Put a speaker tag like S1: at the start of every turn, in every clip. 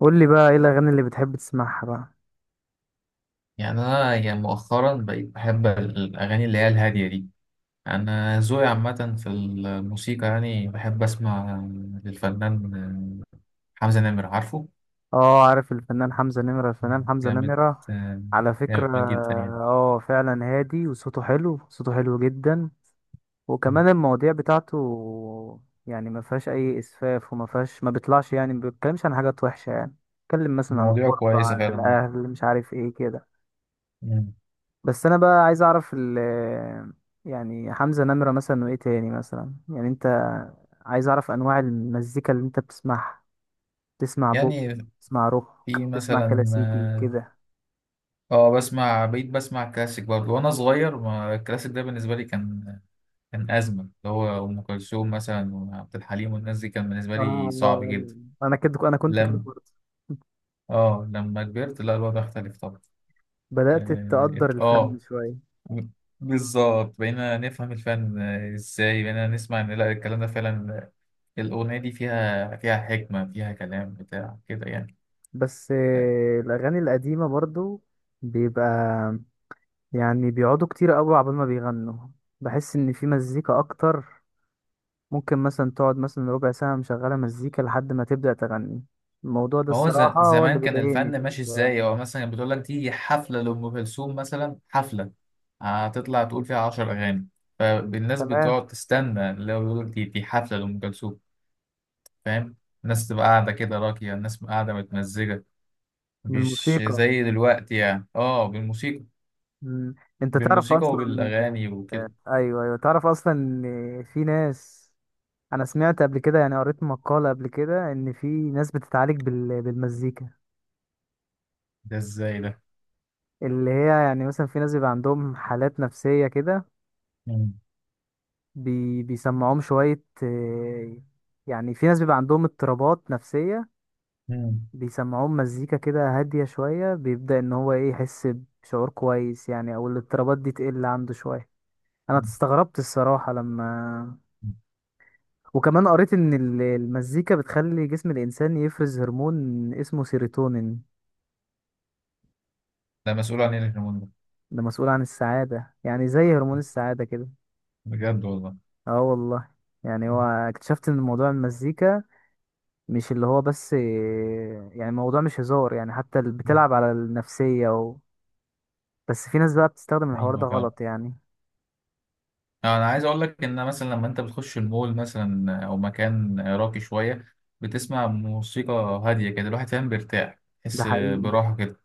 S1: قول لي بقى ايه الاغاني اللي بتحب تسمعها بقى.
S2: يعني أنا يعني مؤخرا بقيت بحب الأغاني اللي هي الهادية دي. أنا ذوقي عامة في الموسيقى، يعني بحب أسمع للفنان حمزة نمر، عارفه؟
S1: اه، عارف الفنان حمزة نمرة. الفنان حمزة
S2: جامد،
S1: نمرة على فكرة.
S2: جامد جدا يعني.
S1: اه فعلا هادي وصوته حلو، صوته حلو جدا. وكمان المواضيع بتاعته، ما فيهاش اي اسفاف وما فيهاش، ما بيطلعش، ما بيتكلمش عن حاجات وحشة يعني. بيتكلم مثلا عن
S2: مواضيعه
S1: الغربة،
S2: كويسة
S1: عن
S2: فعلا، اه.
S1: الاهل، مش عارف ايه كده.
S2: مم.
S1: بس انا بقى عايز اعرف يعني حمزة نمرة مثلا، وايه تاني مثلا؟ يعني انت عايز اعرف انواع المزيكا اللي انت بتسمعها، تسمع بوب،
S2: يعني
S1: تسمع روك،
S2: في
S1: تسمع
S2: مثلا،
S1: كلاسيكي
S2: اه،
S1: كده؟
S2: بقيت بسمع كلاسيك برضه، وأنا صغير ما الكلاسيك ده بالنسبة لي كان أزمة، اللي هو أم كلثوم مثلا وعبد الحليم والناس دي، كان بالنسبة لي صعب
S1: آه،
S2: جدا.
S1: انا كده، انا كنت كده
S2: لم
S1: برضه.
S2: اه، لما كبرت لا، الوضع اختلف طبعا.
S1: بدأت
S2: اه،
S1: تقدر الفن
S2: آه،
S1: شوية.
S2: بالظبط بقينا نفهم الفن، ازاي بقينا نسمع ان لا، الكلام ده فعلا، الاغنيه دي فيها حكمه، فيها كلام بتاع كده يعني.
S1: بس آه، الاغاني القديمة برضو بيبقى، بيقعدوا كتير قوي عبال ما بيغنوا. بحس ان في مزيكا اكتر، ممكن مثلا تقعد مثلا ربع ساعة مشغلة مزيكا لحد ما تبدأ تغني. الموضوع ده
S2: ما هو
S1: الصراحة هو اللي
S2: زمان كان
S1: بيضايقني في
S2: الفن ماشي ازاي، هو مثلا بتقول لك دي حفله لام كلثوم مثلا، حفله هتطلع تقول فيها 10 اغاني، فالناس
S1: تمام.
S2: بتقعد تستنى لو يقول دي حفله لام كلثوم. فاهم. الناس تبقى قاعده كده راقيه، الناس قاعده متمزجه،
S1: من
S2: مش
S1: الموسيقى.
S2: زي دلوقتي يعني، اه بالموسيقى.
S1: مم. انت تعرف
S2: بالموسيقى
S1: اصلا؟
S2: وبالاغاني وكده.
S1: ايوه ايوه، تعرف اصلا ان في ناس، انا سمعت قبل كده، يعني قريت مقالة قبل كده، ان في ناس بتتعالج بالمزيكا.
S2: ده ازاي ده؟
S1: اللي هي يعني مثلا في ناس بيبقى عندهم حالات نفسية كده،
S2: مم.
S1: بيسمعوهم شوية آه، يعني في ناس بيبقى عندهم اضطرابات نفسية،
S2: مم.
S1: بيسمعوهم مزيكا كده هادية شوية، بيبدأ ان هو ايه، يحس بشعور كويس يعني، او الاضطرابات دي تقل عنده شوية. انا استغربت الصراحة لما، وكمان قريت ان المزيكا بتخلي جسم الانسان يفرز هرمون اسمه سيروتونين.
S2: ده مسؤول عن ايه الهرمون ده؟
S1: ده مسؤول عن السعادة، يعني زي هرمون السعادة كده.
S2: بجد والله؟
S1: اه والله. يعني هو،
S2: مم.
S1: اكتشفت ان موضوع المزيكا مش اللي هو بس إيه، يعني موضوع مش هزار يعني، حتى اللي بتلعب على النفسية و... بس في ناس بقى بتستخدم الحوار ده
S2: ايوه فعلا.
S1: غلط يعني.
S2: انا عايز اقول لك ان مثلا لما انت بتخش المول مثلا او مكان راقي شويه، بتسمع موسيقى هاديه كده، الواحد فاهم بيرتاح،
S1: ده
S2: تحس
S1: حقيقي،
S2: براحه كده.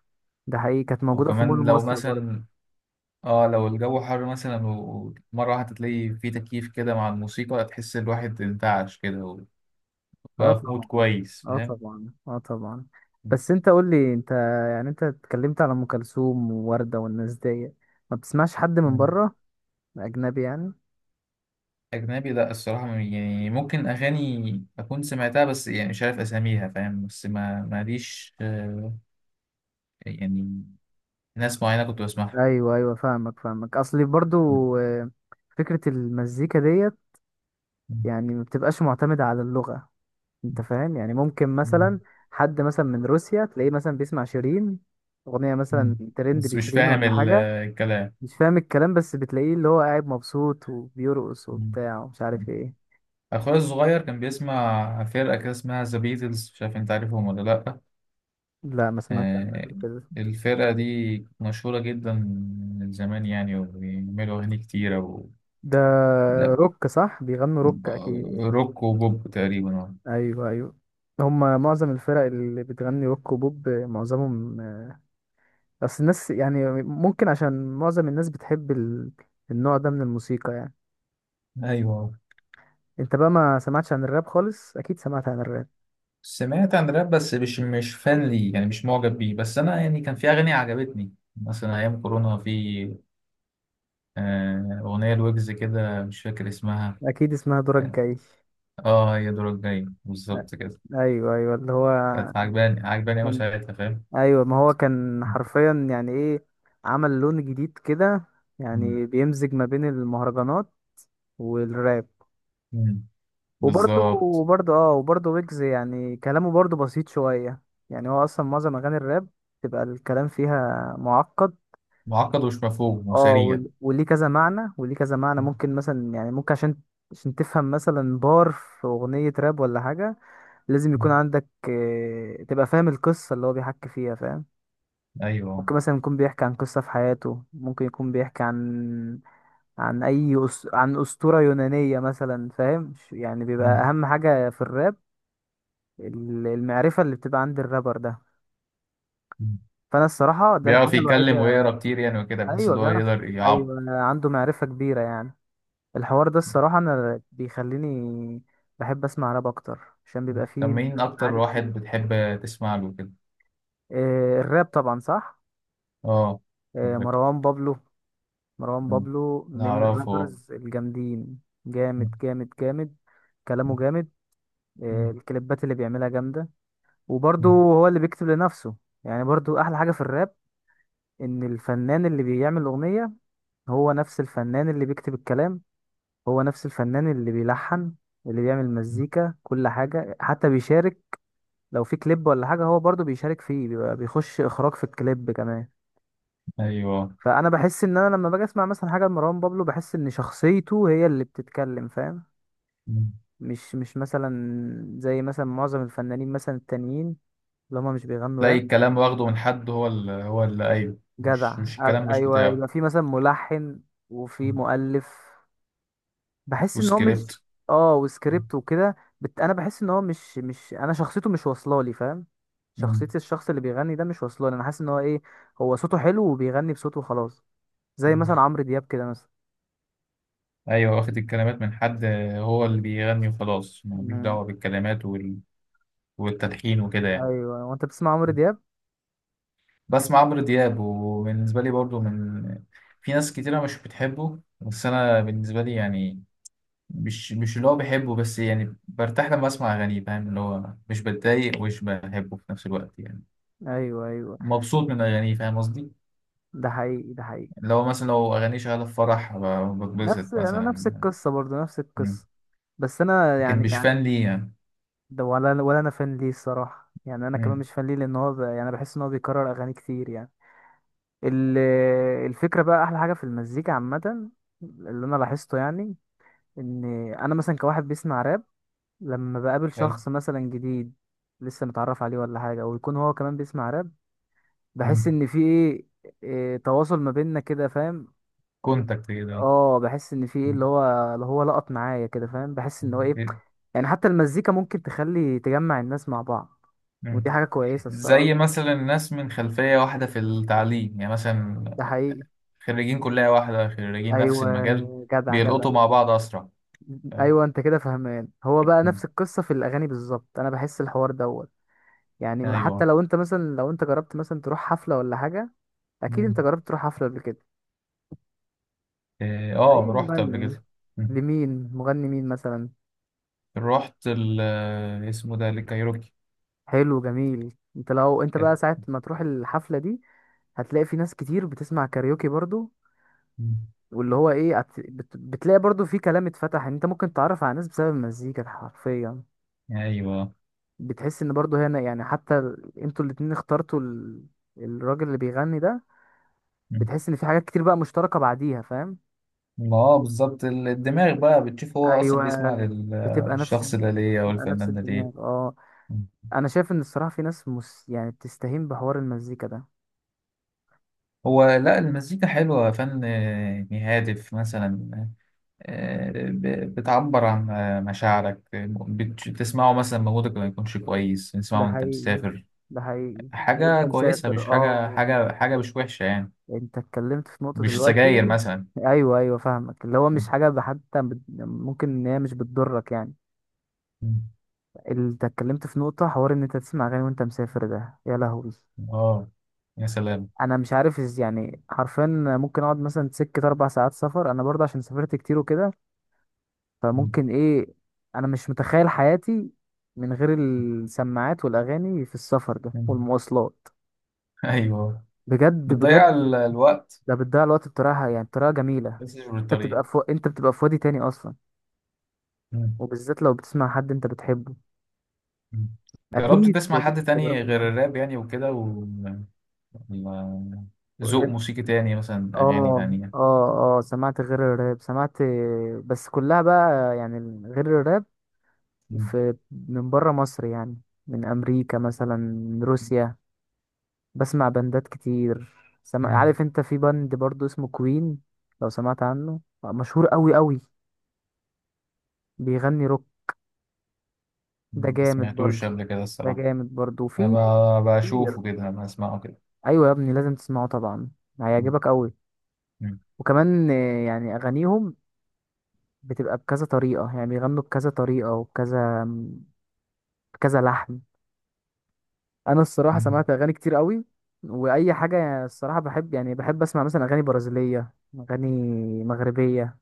S1: ده حقيقي، كانت موجودة في مول
S2: وكمان لو
S1: مصر برضه.
S2: مثلا، اه لو الجو حر مثلا ومره واحده، تلاقي في تكييف كده مع الموسيقى، تحس الواحد انتعش كده،
S1: اه
S2: بقى في مود
S1: طبعا،
S2: كويس،
S1: اه
S2: فاهم.
S1: طبعا، اه طبعا. بس انت قول لي انت، يعني انت اتكلمت على ام كلثوم ووردة والناس دي، ما بتسمعش حد من
S2: مم.
S1: بره؟ اجنبي يعني؟
S2: أجنبي؟ لأ الصراحة، يعني ممكن أغاني أكون سمعتها بس يعني مش عارف أساميها، فاهم، بس ما ماليش، يعني، ناس معينة كنت بسمعها.
S1: ايوه ايوه، فاهمك، فاهمك اصلي برضو.
S2: مم.
S1: آه، فكرة المزيكا ديت
S2: مم.
S1: يعني ما بتبقاش معتمدة على اللغة. انت فاهم؟ يعني ممكن
S2: مم.
S1: مثلا حد مثلا من روسيا تلاقيه مثلا بيسمع شيرين، اغنية مثلا
S2: مم.
S1: ترند
S2: بس مش
S1: لشيرين
S2: فاهم
S1: ولا حاجة،
S2: الكلام.
S1: مش فاهم الكلام، بس بتلاقيه اللي هو قاعد مبسوط وبيرقص
S2: مم.
S1: وبتاع ومش عارف ايه.
S2: أخويا الصغير كان بيسمع فرقة كده اسمها ذا بيتلز، مش عارف أنت عارفهم ولا لأ؟
S1: لا، ما سمعتش عنها
S2: آه،
S1: قبل كده.
S2: الفرقة دي مشهورة جدا، من زمان يعني، وبيعملوا أغاني كتيرة و...
S1: ده روك، صح؟ بيغنوا روك
S2: آه،
S1: اكيد.
S2: روك وبوب تقريبا، اه.
S1: ايوه ايوه، هما معظم الفرق اللي بتغني روك وبوب معظمهم. بس الناس يعني، ممكن عشان معظم الناس بتحب النوع ده من الموسيقى يعني.
S2: ايوه.
S1: انت بقى ما سمعتش عن الراب خالص؟ اكيد سمعت عن الراب.
S2: سمعت عن راب بس مش فان لي يعني، مش معجب بيه، بس انا يعني كان في اغاني عجبتني مثلا ايام كورونا، في اغنيه الويجز كده مش فاكر اسمها.
S1: اكيد اسمها دورك
S2: كان-
S1: جاي.
S2: اه، هي دورك جاي
S1: أ-
S2: بالظبط كده.
S1: ايوه ايوه، اللي هو
S2: كانت عجباني عجباني قوي
S1: كان،
S2: ساعتها، فاهم.
S1: ايوه ما هو كان
S2: مم.
S1: حرفيا يعني ايه، عمل لون جديد كده.
S2: مم.
S1: يعني بيمزج ما بين المهرجانات والراب.
S2: مم.
S1: وبرضه
S2: بالظبط.
S1: وبرضه اه، وبرضه ويجز يعني كلامه برضه بسيط شوية. يعني هو أصلا معظم أغاني الراب تبقى الكلام فيها معقد.
S2: معقد ومش مفهوم
S1: اه،
S2: وسريع.
S1: وليه كذا معنى، وليه كذا معنى،
S2: مم.
S1: ممكن مثلا يعني، ممكن عشان، عشان تفهم مثلا بار في أغنية راب ولا حاجة، لازم
S2: مم.
S1: يكون عندك آه، تبقى فاهم القصة اللي هو بيحكي فيها، فاهم؟
S2: ايوه.
S1: ممكن مثلا يكون بيحكي عن قصة في حياته، ممكن يكون بيحكي عن، عن عن أسطورة يونانية مثلا، فاهم؟ يعني بيبقى
S2: مم.
S1: أهم حاجة في الراب المعرفة اللي بتبقى عند الرابر ده.
S2: مم.
S1: فأنا الصراحة ده الحاجة
S2: بيعرف
S1: الوحيدة.
S2: يتكلم ويقرا كتير يعني وكده، بحيث
S1: أيوة
S2: ان هو
S1: بيعرف،
S2: يقدر يعبر.
S1: أيوة عنده معرفة كبيرة يعني. الحوار ده الصراحة أنا بيخليني بحب أسمع راب أكتر عشان بيبقى
S2: طب
S1: فيه
S2: مين أكتر
S1: معاني
S2: واحد
S1: كتير.
S2: بتحب تسمع له كده؟
S1: آه، الراب طبعا صح.
S2: آه.
S1: آه،
S2: بالظبط.
S1: مروان بابلو. مروان
S2: مم.
S1: بابلو من
S2: نعرفه.
S1: الرابرز الجامدين، جامد
S2: مم.
S1: جامد جامد، كلامه جامد. آه،
S2: مم.
S1: الكليبات اللي بيعملها جامدة، وبرضه
S2: مم.
S1: هو اللي بيكتب لنفسه. يعني برضه أحلى حاجة في الراب ان الفنان اللي بيعمل اغنيه هو نفس الفنان اللي بيكتب الكلام، هو نفس الفنان اللي بيلحن، اللي بيعمل مزيكا، كل حاجة، حتى بيشارك لو في كليب ولا حاجة، هو برضو بيشارك فيه، بيبقى بيخش إخراج في الكليب كمان.
S2: أيوه.
S1: فأنا بحس إن أنا لما باجي أسمع مثلا حاجة لمروان بابلو، بحس إن شخصيته هي اللي بتتكلم، فاهم؟
S2: مم.
S1: مش مثلا زي مثلا معظم الفنانين مثلا التانيين اللي هما مش بيغنوا
S2: تلاقي
S1: راب.
S2: الكلام واخده من حد، هو اللي، أيوه،
S1: جدع.
S2: مش الكلام مش
S1: أيوه،
S2: بتاعه.
S1: يبقى في مثلا ملحن وفي
S2: مم.
S1: مؤلف. بحس ان هو مش،
S2: وسكريبت.
S1: اه وسكريبت وكده. انا بحس ان هو مش انا، شخصيته مش واصله لي، فاهم؟
S2: مم.
S1: شخصيه الشخص اللي بيغني ده مش واصله لي، انا حاسس ان هو ايه، هو صوته حلو وبيغني بصوته خلاص. زي
S2: مم.
S1: مثلا عمرو دياب كده مثلا.
S2: أيوه واخد الكلمات من حد، هو اللي بيغني وخلاص، ملوش
S1: مم.
S2: دعوة بالكلمات وال... والتلحين وكده يعني.
S1: ايوه، وانت بتسمع عمرو دياب؟
S2: بسمع عمرو دياب، وبالنسبة لي برضو من، في ناس كتيرة مش بتحبه بس أنا بالنسبة لي يعني، مش اللي هو بحبه، بس يعني برتاح لما اسمع اغانيه، فاهم، اللي هو مش بتضايق ومش بحبه في نفس الوقت يعني.
S1: ايوه ايوه،
S2: مبسوط من اغانيه فاهم قصدي.
S1: ده حقيقي ده حقيقي،
S2: لو مثلا لو اغانيه شغاله في فرح،
S1: نفس،
S2: بتبسط
S1: انا نفس
S2: مثلا.
S1: القصه برضو، نفس
S2: مم.
S1: القصه. بس انا
S2: لكن
S1: يعني
S2: مش
S1: يعني،
S2: فان ليه يعني.
S1: ده ولا، ولا انا فان ليه الصراحه يعني، انا كمان
S2: مم.
S1: مش فان ليه، لان هو ب... يعني بحس ان هو بيكرر اغاني كتير يعني. ال- الفكرة بقى، أحلى حاجة في المزيكا عامة اللي أنا لاحظته يعني، إن أنا مثلا كواحد بيسمع راب، لما بقابل
S2: حلو.
S1: شخص مثلا جديد، لسه متعرف عليه ولا حاجة، ويكون هو كمان بيسمع راب، بحس إن في إيه، إيه، تواصل ما بيننا كده، فاهم؟
S2: كونتاكت كده.
S1: اه، بحس إن في إيه،
S2: مم.
S1: اللي هو اللي هو لقط معايا كده، فاهم؟ بحس إن هو إيه، يعني حتى المزيكا ممكن تخلي، تجمع الناس مع بعض، ودي
S2: مم.
S1: حاجة كويسة الصراحة.
S2: زي مثلا ناس من خلفيه واحده في التعليم يعني مثلا،
S1: ده حقيقي.
S2: خريجين كليه واحده، خريجين نفس
S1: أيوة،
S2: المجال،
S1: جدع جدع.
S2: بيلقطوا مع بعض اسرع. فاهم.
S1: ايوه انت كده فهمان، هو بقى
S2: مم.
S1: نفس القصه في الاغاني بالظبط، انا بحس الحوار دوت. يعني حتى
S2: ايوه.
S1: لو انت مثلا، لو انت جربت مثلا تروح حفله ولا حاجه، اكيد انت جربت تروح حفله قبل كده.
S2: إيه، اه
S1: اي
S2: رحت قبل
S1: مغني؟
S2: كده. مم.
S1: لمين، مغني مين مثلا؟
S2: رحت ال آه، اسمه ده الكايروكي
S1: حلو جميل. انت لو انت
S2: كده.
S1: بقى ساعه ما تروح الحفله دي، هتلاقي في ناس كتير بتسمع كاريوكي برضو،
S2: مم.
S1: واللي هو ايه، بتلاقي برضو في كلام اتفتح، ان انت ممكن تتعرف على ناس بسبب المزيكا حرفيا.
S2: ايوه.
S1: بتحس ان برضه هنا يعني، حتى انتوا الاتنين اخترتوا الراجل اللي بيغني ده،
S2: مم.
S1: بتحس ان في حاجات كتير بقى مشتركة بعديها، فاهم؟
S2: ما اه بالظبط، الدماغ بقى بتشوف هو اصلا بيسمع
S1: ايوه. بتبقى
S2: للشخص ده ليه او
S1: بتبقى نفس
S2: الفنان ده
S1: الدماغ
S2: ليه.
S1: اه.
S2: مم.
S1: انا شايف ان الصراحة في ناس يعني بتستهين بحوار المزيكا ده.
S2: هو لا، المزيكا حلوة، فن هادف مثلا، بتعبر عن مشاعرك، بتسمعه مثلا مودك ما يكونش كويس، تسمعه
S1: ده
S2: وانت
S1: حقيقي،
S2: مسافر،
S1: ده حقيقي،
S2: حاجة
S1: وانت
S2: كويسة،
S1: مسافر
S2: مش حاجة
S1: اه.
S2: حاجة حاجة مش وحشة يعني،
S1: انت اتكلمت في نقطة
S2: مش سجاير
S1: دلوقتي.
S2: مثلا.
S1: ايوه ايوه فاهمك، اللي هو مش حاجة، ممكن ان هي مش بتضرك يعني.
S2: مم.
S1: انت اتكلمت في نقطة، حوار ان انت تسمع اغاني وانت مسافر، ده يا لهوي،
S2: اه. يا سلام.
S1: انا مش عارف يعني حرفيا، ممكن اقعد مثلا سكة 4 ساعات سفر، انا برضه عشان سافرت كتير وكده،
S2: مم.
S1: فممكن ايه، انا مش متخيل حياتي من غير السماعات والاغاني في السفر ده
S2: مم.
S1: والمواصلات،
S2: ايوه.
S1: بجد
S2: بتضيع
S1: بجد.
S2: الوقت.
S1: ده بتضيع الوقت بطريقة يعني، بطريقة جميلة.
S2: بس مش
S1: انت بتبقى
S2: بالطريقة.
S1: في، انت بتبقى في وادي تاني اصلا،
S2: مم.
S1: وبالذات لو بتسمع حد انت بتحبه.
S2: مم. جربت
S1: اكيد
S2: تسمع
S1: اكيد
S2: حد تاني
S1: تجربة.
S2: غير الراب يعني وكده و... ولا ذوق موسيقي تاني مثلا، أغاني
S1: اه
S2: تانية؟
S1: اه، اه سمعت غير الراب، سمعت، بس كلها بقى يعني غير الراب
S2: مم.
S1: في، من بره مصر يعني، من امريكا مثلا، من روسيا، بسمع بندات كتير. سمع،
S2: مم.
S1: عارف انت في بند برضو اسمه كوين؟ لو سمعت عنه، مشهور قوي قوي، بيغني روك. ده
S2: ما
S1: جامد
S2: سمعتوش
S1: برضو،
S2: قبل كده
S1: ده
S2: الصراحة.
S1: جامد برضو، وفي
S2: أنا
S1: كتير.
S2: بشوفه كده بسمعه كده.
S1: ايوه يا ابني، لازم تسمعه طبعا،
S2: مم.
S1: هيعجبك قوي.
S2: مم.
S1: وكمان آه، يعني اغانيهم بتبقى بكذا طريقة، يعني بيغنوا بكذا طريقة، وبكذا كذا لحن. انا الصراحه
S2: مم.
S1: سمعت اغاني كتير قوي، واي حاجه الصراحه بحب، يعني بحب اسمع مثلا اغاني برازيليه، اغاني مغربيه،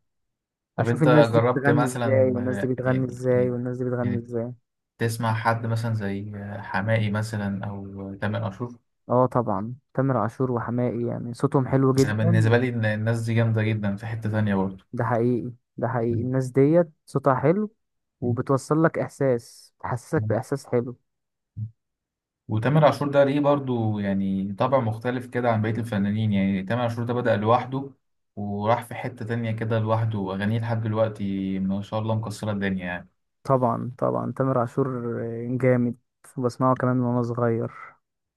S2: طب
S1: اشوف
S2: أنت
S1: الناس دي
S2: جربت
S1: بتغني ازاي،
S2: مثلا،
S1: والناس دي
S2: آه،
S1: بتغني ازاي،
S2: يعني
S1: والناس دي بتغني
S2: يعني
S1: ازاي.
S2: تسمع حد مثلا زي حماقي مثلا او تامر عاشور؟
S1: اه طبعا تامر عاشور وحماقي يعني صوتهم حلو
S2: انا
S1: جدا.
S2: بالنسبه لي إن الناس دي جامده جدا في حته تانية برضه.
S1: ده حقيقي، ده حقيقي، الناس ديت صوتها حلو، وبتوصل لك احساس، تحسسك باحساس حلو.
S2: وتامر عاشور ده ليه برضو يعني طبع مختلف كده عن بقية الفنانين، يعني تامر عاشور ده بدأ لوحده، وراح في حتة تانية كده لوحده، وأغانيه لحد دلوقتي ما شاء الله مكسرة الدنيا يعني.
S1: طبعا طبعا، تامر عاشور جامد. بسمعه كمان من وانا صغير.